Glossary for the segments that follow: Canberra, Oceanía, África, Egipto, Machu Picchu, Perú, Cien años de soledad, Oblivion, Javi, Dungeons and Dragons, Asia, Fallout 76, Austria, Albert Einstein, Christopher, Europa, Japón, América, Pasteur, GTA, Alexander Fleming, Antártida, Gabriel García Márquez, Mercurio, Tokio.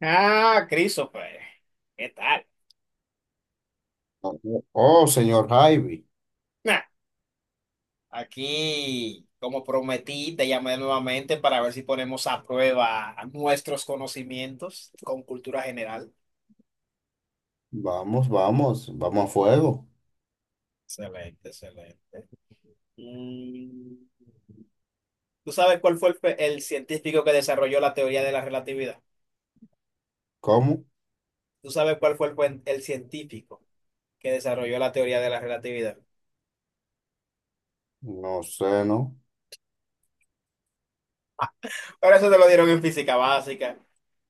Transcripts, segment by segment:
Ah, Christopher, ¿qué tal? Oh, señor Javi, Nah, aquí, como prometí, te llamé nuevamente para ver si ponemos a prueba nuestros conocimientos con cultura general. vamos, vamos, vamos a fuego. Excelente, excelente. Mm, ¿Tú sabes cuál fue el científico que desarrolló la teoría de la relatividad? ¿Cómo? ¿Tú sabes cuál fue el científico que desarrolló la teoría de la relatividad? No sé, ¿no? Pero eso te lo dieron en física básica.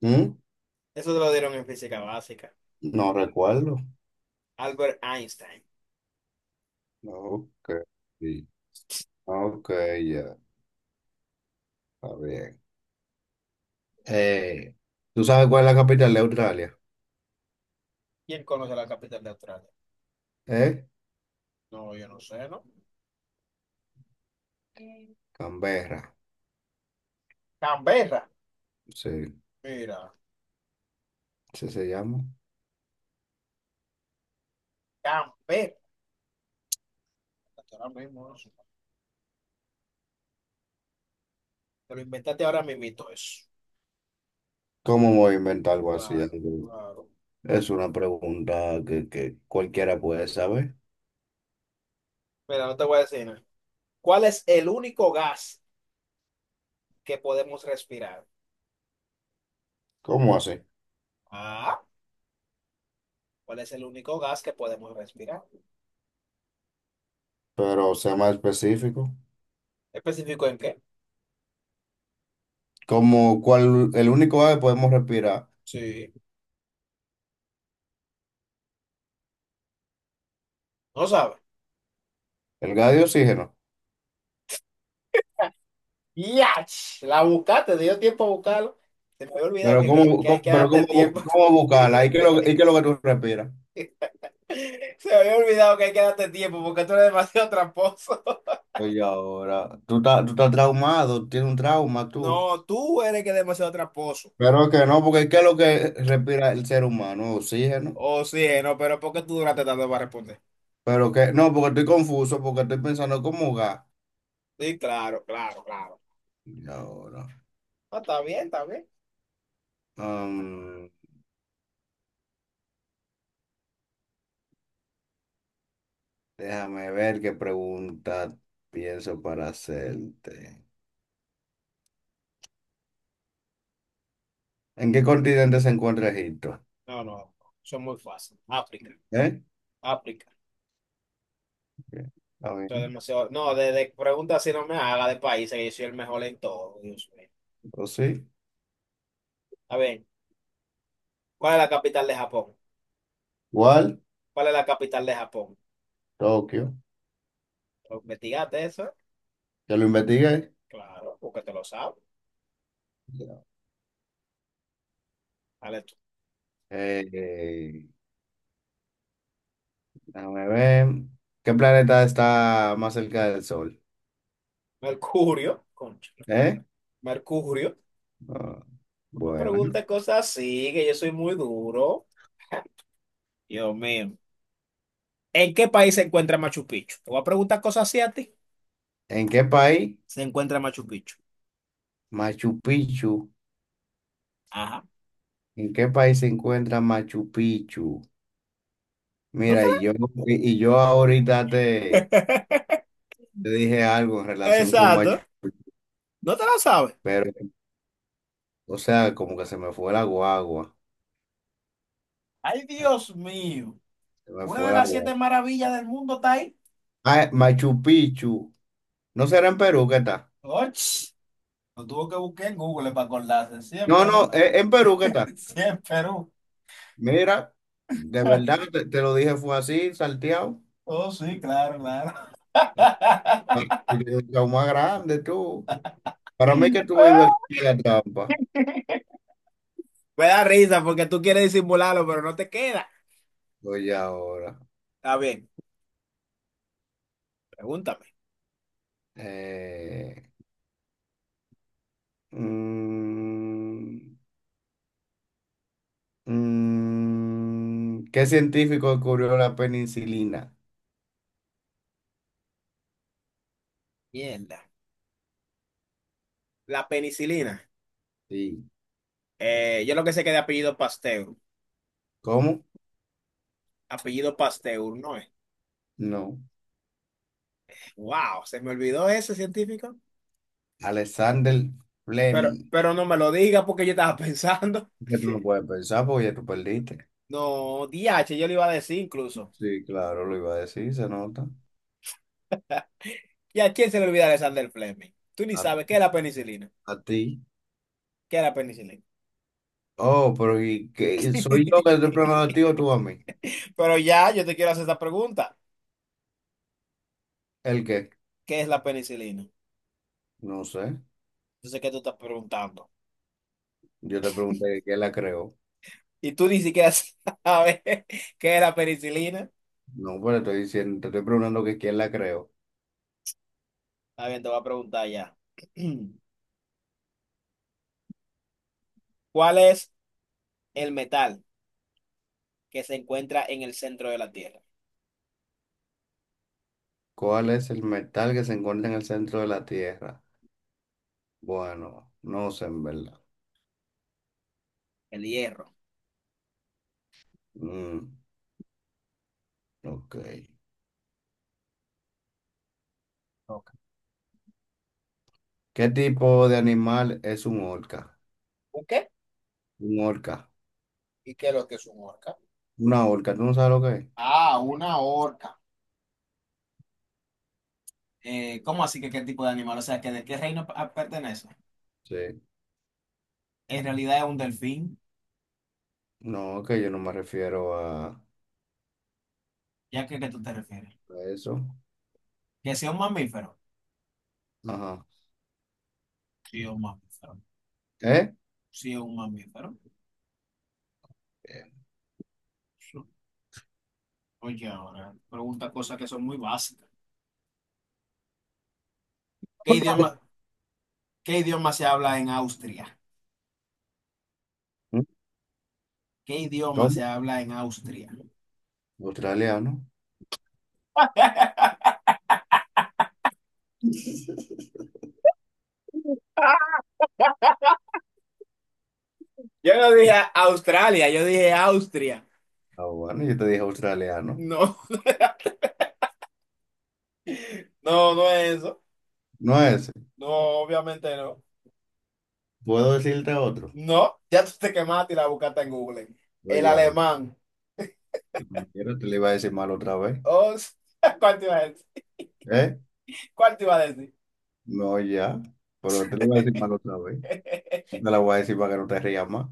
¿Mm? Eso te lo dieron en física básica. No recuerdo. Albert Einstein. Ok, sí. Ok, ya, está bien. Eh, ¿Tú sabes cuál es la capital de Australia? ¿Quién conoce la capital de Australia? ¿Eh? No, yo no sé, ¿no? Canberra, Canberra. sí, Mira, sí se llama. Canberra, ahora mismo eso. Te lo inventaste ahora mismito eso. ¿Cómo voy a inventar algo así? Claro, claro. Es una pregunta que cualquiera puede saber. Mira, no te voy a decir nada. ¿Cuál es el único gas que podemos respirar? ¿Cómo así? Ah, ¿cuál es el único gas que podemos respirar? Pero sea más específico. ¿Específico en qué? Como cual el único gas que podemos respirar, Sí. No sabes. el gas de oxígeno. ¡Yach! La buscaste, te dio tiempo a buscarlo. Se me había olvidado Pero que, que, que hay que darte tiempo. cómo buscarla, ¿ y qué Se es lo que tú respiras? me había olvidado que hay que darte tiempo porque tú eres demasiado tramposo. Oye, ahora, tú estás traumado, tienes un trauma tú. No, tú eres que es demasiado tramposo. Pero que no, porque ¿qué es lo que respira el ser humano? Oxígeno. Oh, sí, no, pero ¿por qué tú duraste tanto para responder? Pero que, no, porque estoy confuso, porque estoy pensando cómo gas. Sí, claro, claro, claro. Y ahora, No, está bien, está bien. am, déjame ver qué pregunta pienso para hacerte. ¿En qué continente se encuentra Egipto? No, no, eso es muy fácil. África, ¿Eh? África. Está Eso es bien. demasiado. No, de preguntas si no me haga de países, que yo soy el mejor en todo, Dios mío. O sí. A ver, ¿cuál es la capital de Japón? Igual, ¿Cuál es la capital de Japón? Tokio. ¿Lo investigaste eso? Ya lo investigué. Claro, porque te lo sabes. Ya. Dale tú. Eh, déjame ver. ¿Qué planeta está más cerca del Sol? Mercurio, concha. ¿Eh? Mercurio. Ah, No me bueno. preguntes cosas así, que yo soy muy duro. Dios mío. ¿En qué país se encuentra Machu Picchu? Te voy a preguntar cosas así a ti. ¿En qué país? Se encuentra Machu Picchu. Machu Picchu. Ajá. ¿En qué país se encuentra Machu Picchu? No te Mira, y yo ahorita la... te dije algo en relación con Machu Exacto. Picchu, No te la sabes. pero, o sea, como que se me fue la guagua. Ay, Dios mío. Se me Una fue de la las guagua. siete maravillas del mundo está ahí. Ah, Machu Picchu. ¿No será en Perú que está? Och, lo tuvo que buscar en Google para acordarse. Sí, en No, no, Perú. En Perú, ¿qué tal? Sí, en Perú. Mira, de verdad, te lo dije, fue así, salteado. Oh, sí, claro, claro. Lo más grande, tú. Para mí que tú vives en la trampa. Me da risa porque tú quieres disimularlo, pero no te queda. Oye, ahora. Está bien, pregúntame. Eh, mm, ¿Qué científico descubrió la penicilina? Mierda. La penicilina. Sí. Yo lo que sé que de apellido Pasteur. ¿Cómo? Apellido Pasteur, ¿no es? No. Wow, se me olvidó ese científico. Alexander Pero, Fleming. pero no me lo diga porque yo estaba pensando. Que tú no puedes pensar porque ya tú perdiste. No, DH yo le iba a decir incluso. Sí, claro, lo iba a decir, se nota. ¿Y a quién se le olvida Alexander Fleming? Tú ni A, sabes qué es la penicilina. a ti. ¿Qué es la penicilina? Oh, pero ¿y qué? ¿Soy yo que te estoy preguntando a ti o tú a mí? Pero ya, yo te quiero hacer esta pregunta. ¿El qué? ¿Qué es la penicilina? No sé. Yo sé que tú estás preguntando. Yo te pregunté quién la creó. Y tú ni siquiera sabes qué es la penicilina. No, pero estoy diciendo, te estoy preguntando que quién la creó. Está bien, te voy a preguntar ya. ¿Cuál es el metal que se encuentra en el centro de la Tierra? ¿Cuál es el metal que se encuentra en el centro de la Tierra? Bueno, no sé en verdad. El hierro. Mm, ok. Ok. ¿Qué tipo de animal es un orca? ¿Ok? Un orca. ¿Y qué es lo que es un orca? Una orca, ¿tú no sabes lo que es? Ah, una orca. ¿Cómo así que qué tipo de animal? O sea, que de qué reino pertenece. Sí. En realidad es un delfín, No, que yo no me refiero ya que ¿qué tú te refieres? a eso. ¿Que sea un mamífero? Ajá. Sí, es un mamífero. ¿Eh? Sí, es un mamífero. Sí. Oye, ahora, pregunta cosas que son muy básicas. ¿Qué idioma, qué idioma se habla en Austria? ¿Qué idioma se ¿Cómo? habla en Austria? Australiano. Yo no dije Australia, yo dije Austria. Ah, bueno, yo te dije australiano. No, no, no es eso. No ese. No, obviamente no. ¿Puedo decirte otro? No, ya tú te quemaste y la buscaste en Google. No El ya, alemán. como quiera, te le iba a decir mal otra vez. Oh, ¿cuál te iba a decir? ¿Eh? ¿Cuál te iba a decir? No, ya. Pero te le iba a decir mal otra vez. No, te la voy a decir para que no te rías más.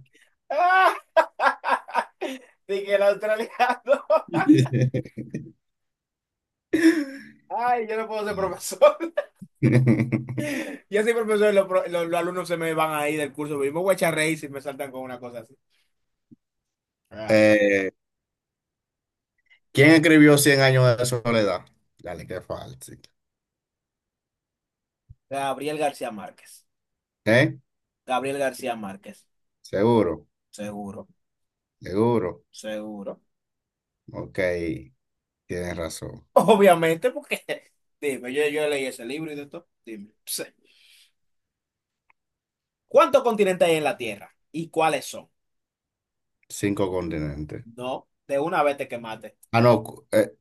Ah, dije que el australiano. Ay, yo no puedo ser profesor. Yo soy profesor y los alumnos se me van ahí del curso. Mismo. Voy a echar reír si me saltan con una cosa así. Claro. Eh, ¿quién escribió Cien años de soledad? Dale, qué fácil. Gabriel García Márquez. ¿Eh? Gabriel García Márquez. Seguro, Seguro, seguro. seguro. Ok, tienes razón. Obviamente, porque dime, yo leí ese libro y de todo. Dime. Sí. ¿Cuántos continentes hay en la Tierra? ¿Y cuáles son? Cinco continentes. No, de una vez te quemaste. Ah, no, cu-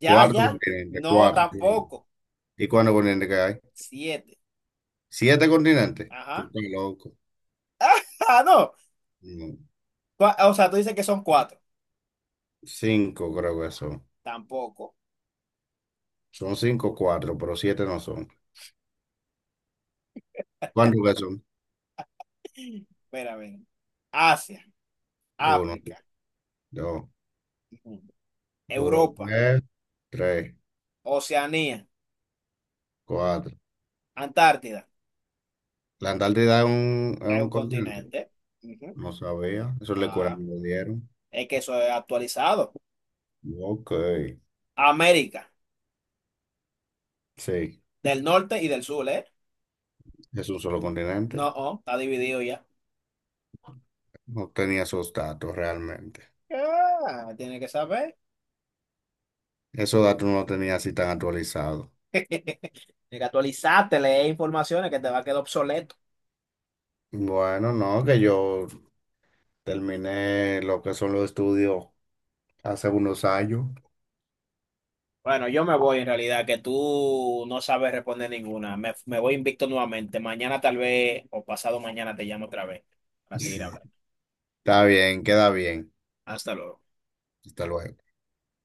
Ya, cuatro ya. continentes, No, cuatro. tampoco. ¿Y cuántos continentes que hay? Siete. ¿Siete continentes? Tú Ajá. estás loco. Ah, no. No, O sea, tú dices que son cuatro. cinco creo que son. Tampoco. Son cinco o cuatro, pero siete no son. ¿Cuántos que son? Espera, a ver. Asia, Uno, África, dos, ujú. Europa, Europa, es tres, Oceanía, cuatro. Antártida. ¿La Antártida es Es un un continente? continente. Ujú. No sabía. Eso le cura que Ah, me dieron. es que eso es actualizado. Ok. América, Sí, del norte y del sur, ¿eh? es un solo No, continente. oh, está dividido ya. No tenía esos datos realmente. Ah, tiene que saber. Esos datos no los tenía así tan actualizados. Tienes que actualizarte, leer informaciones que te va a quedar obsoleto. Bueno, no, que yo terminé lo que son los estudios hace unos años. Bueno, yo me voy en realidad, que tú no sabes responder ninguna. Me voy invicto nuevamente. Mañana tal vez o pasado mañana te llamo otra vez para seguir hablando. Está bien, queda bien. Hasta luego. Hasta luego.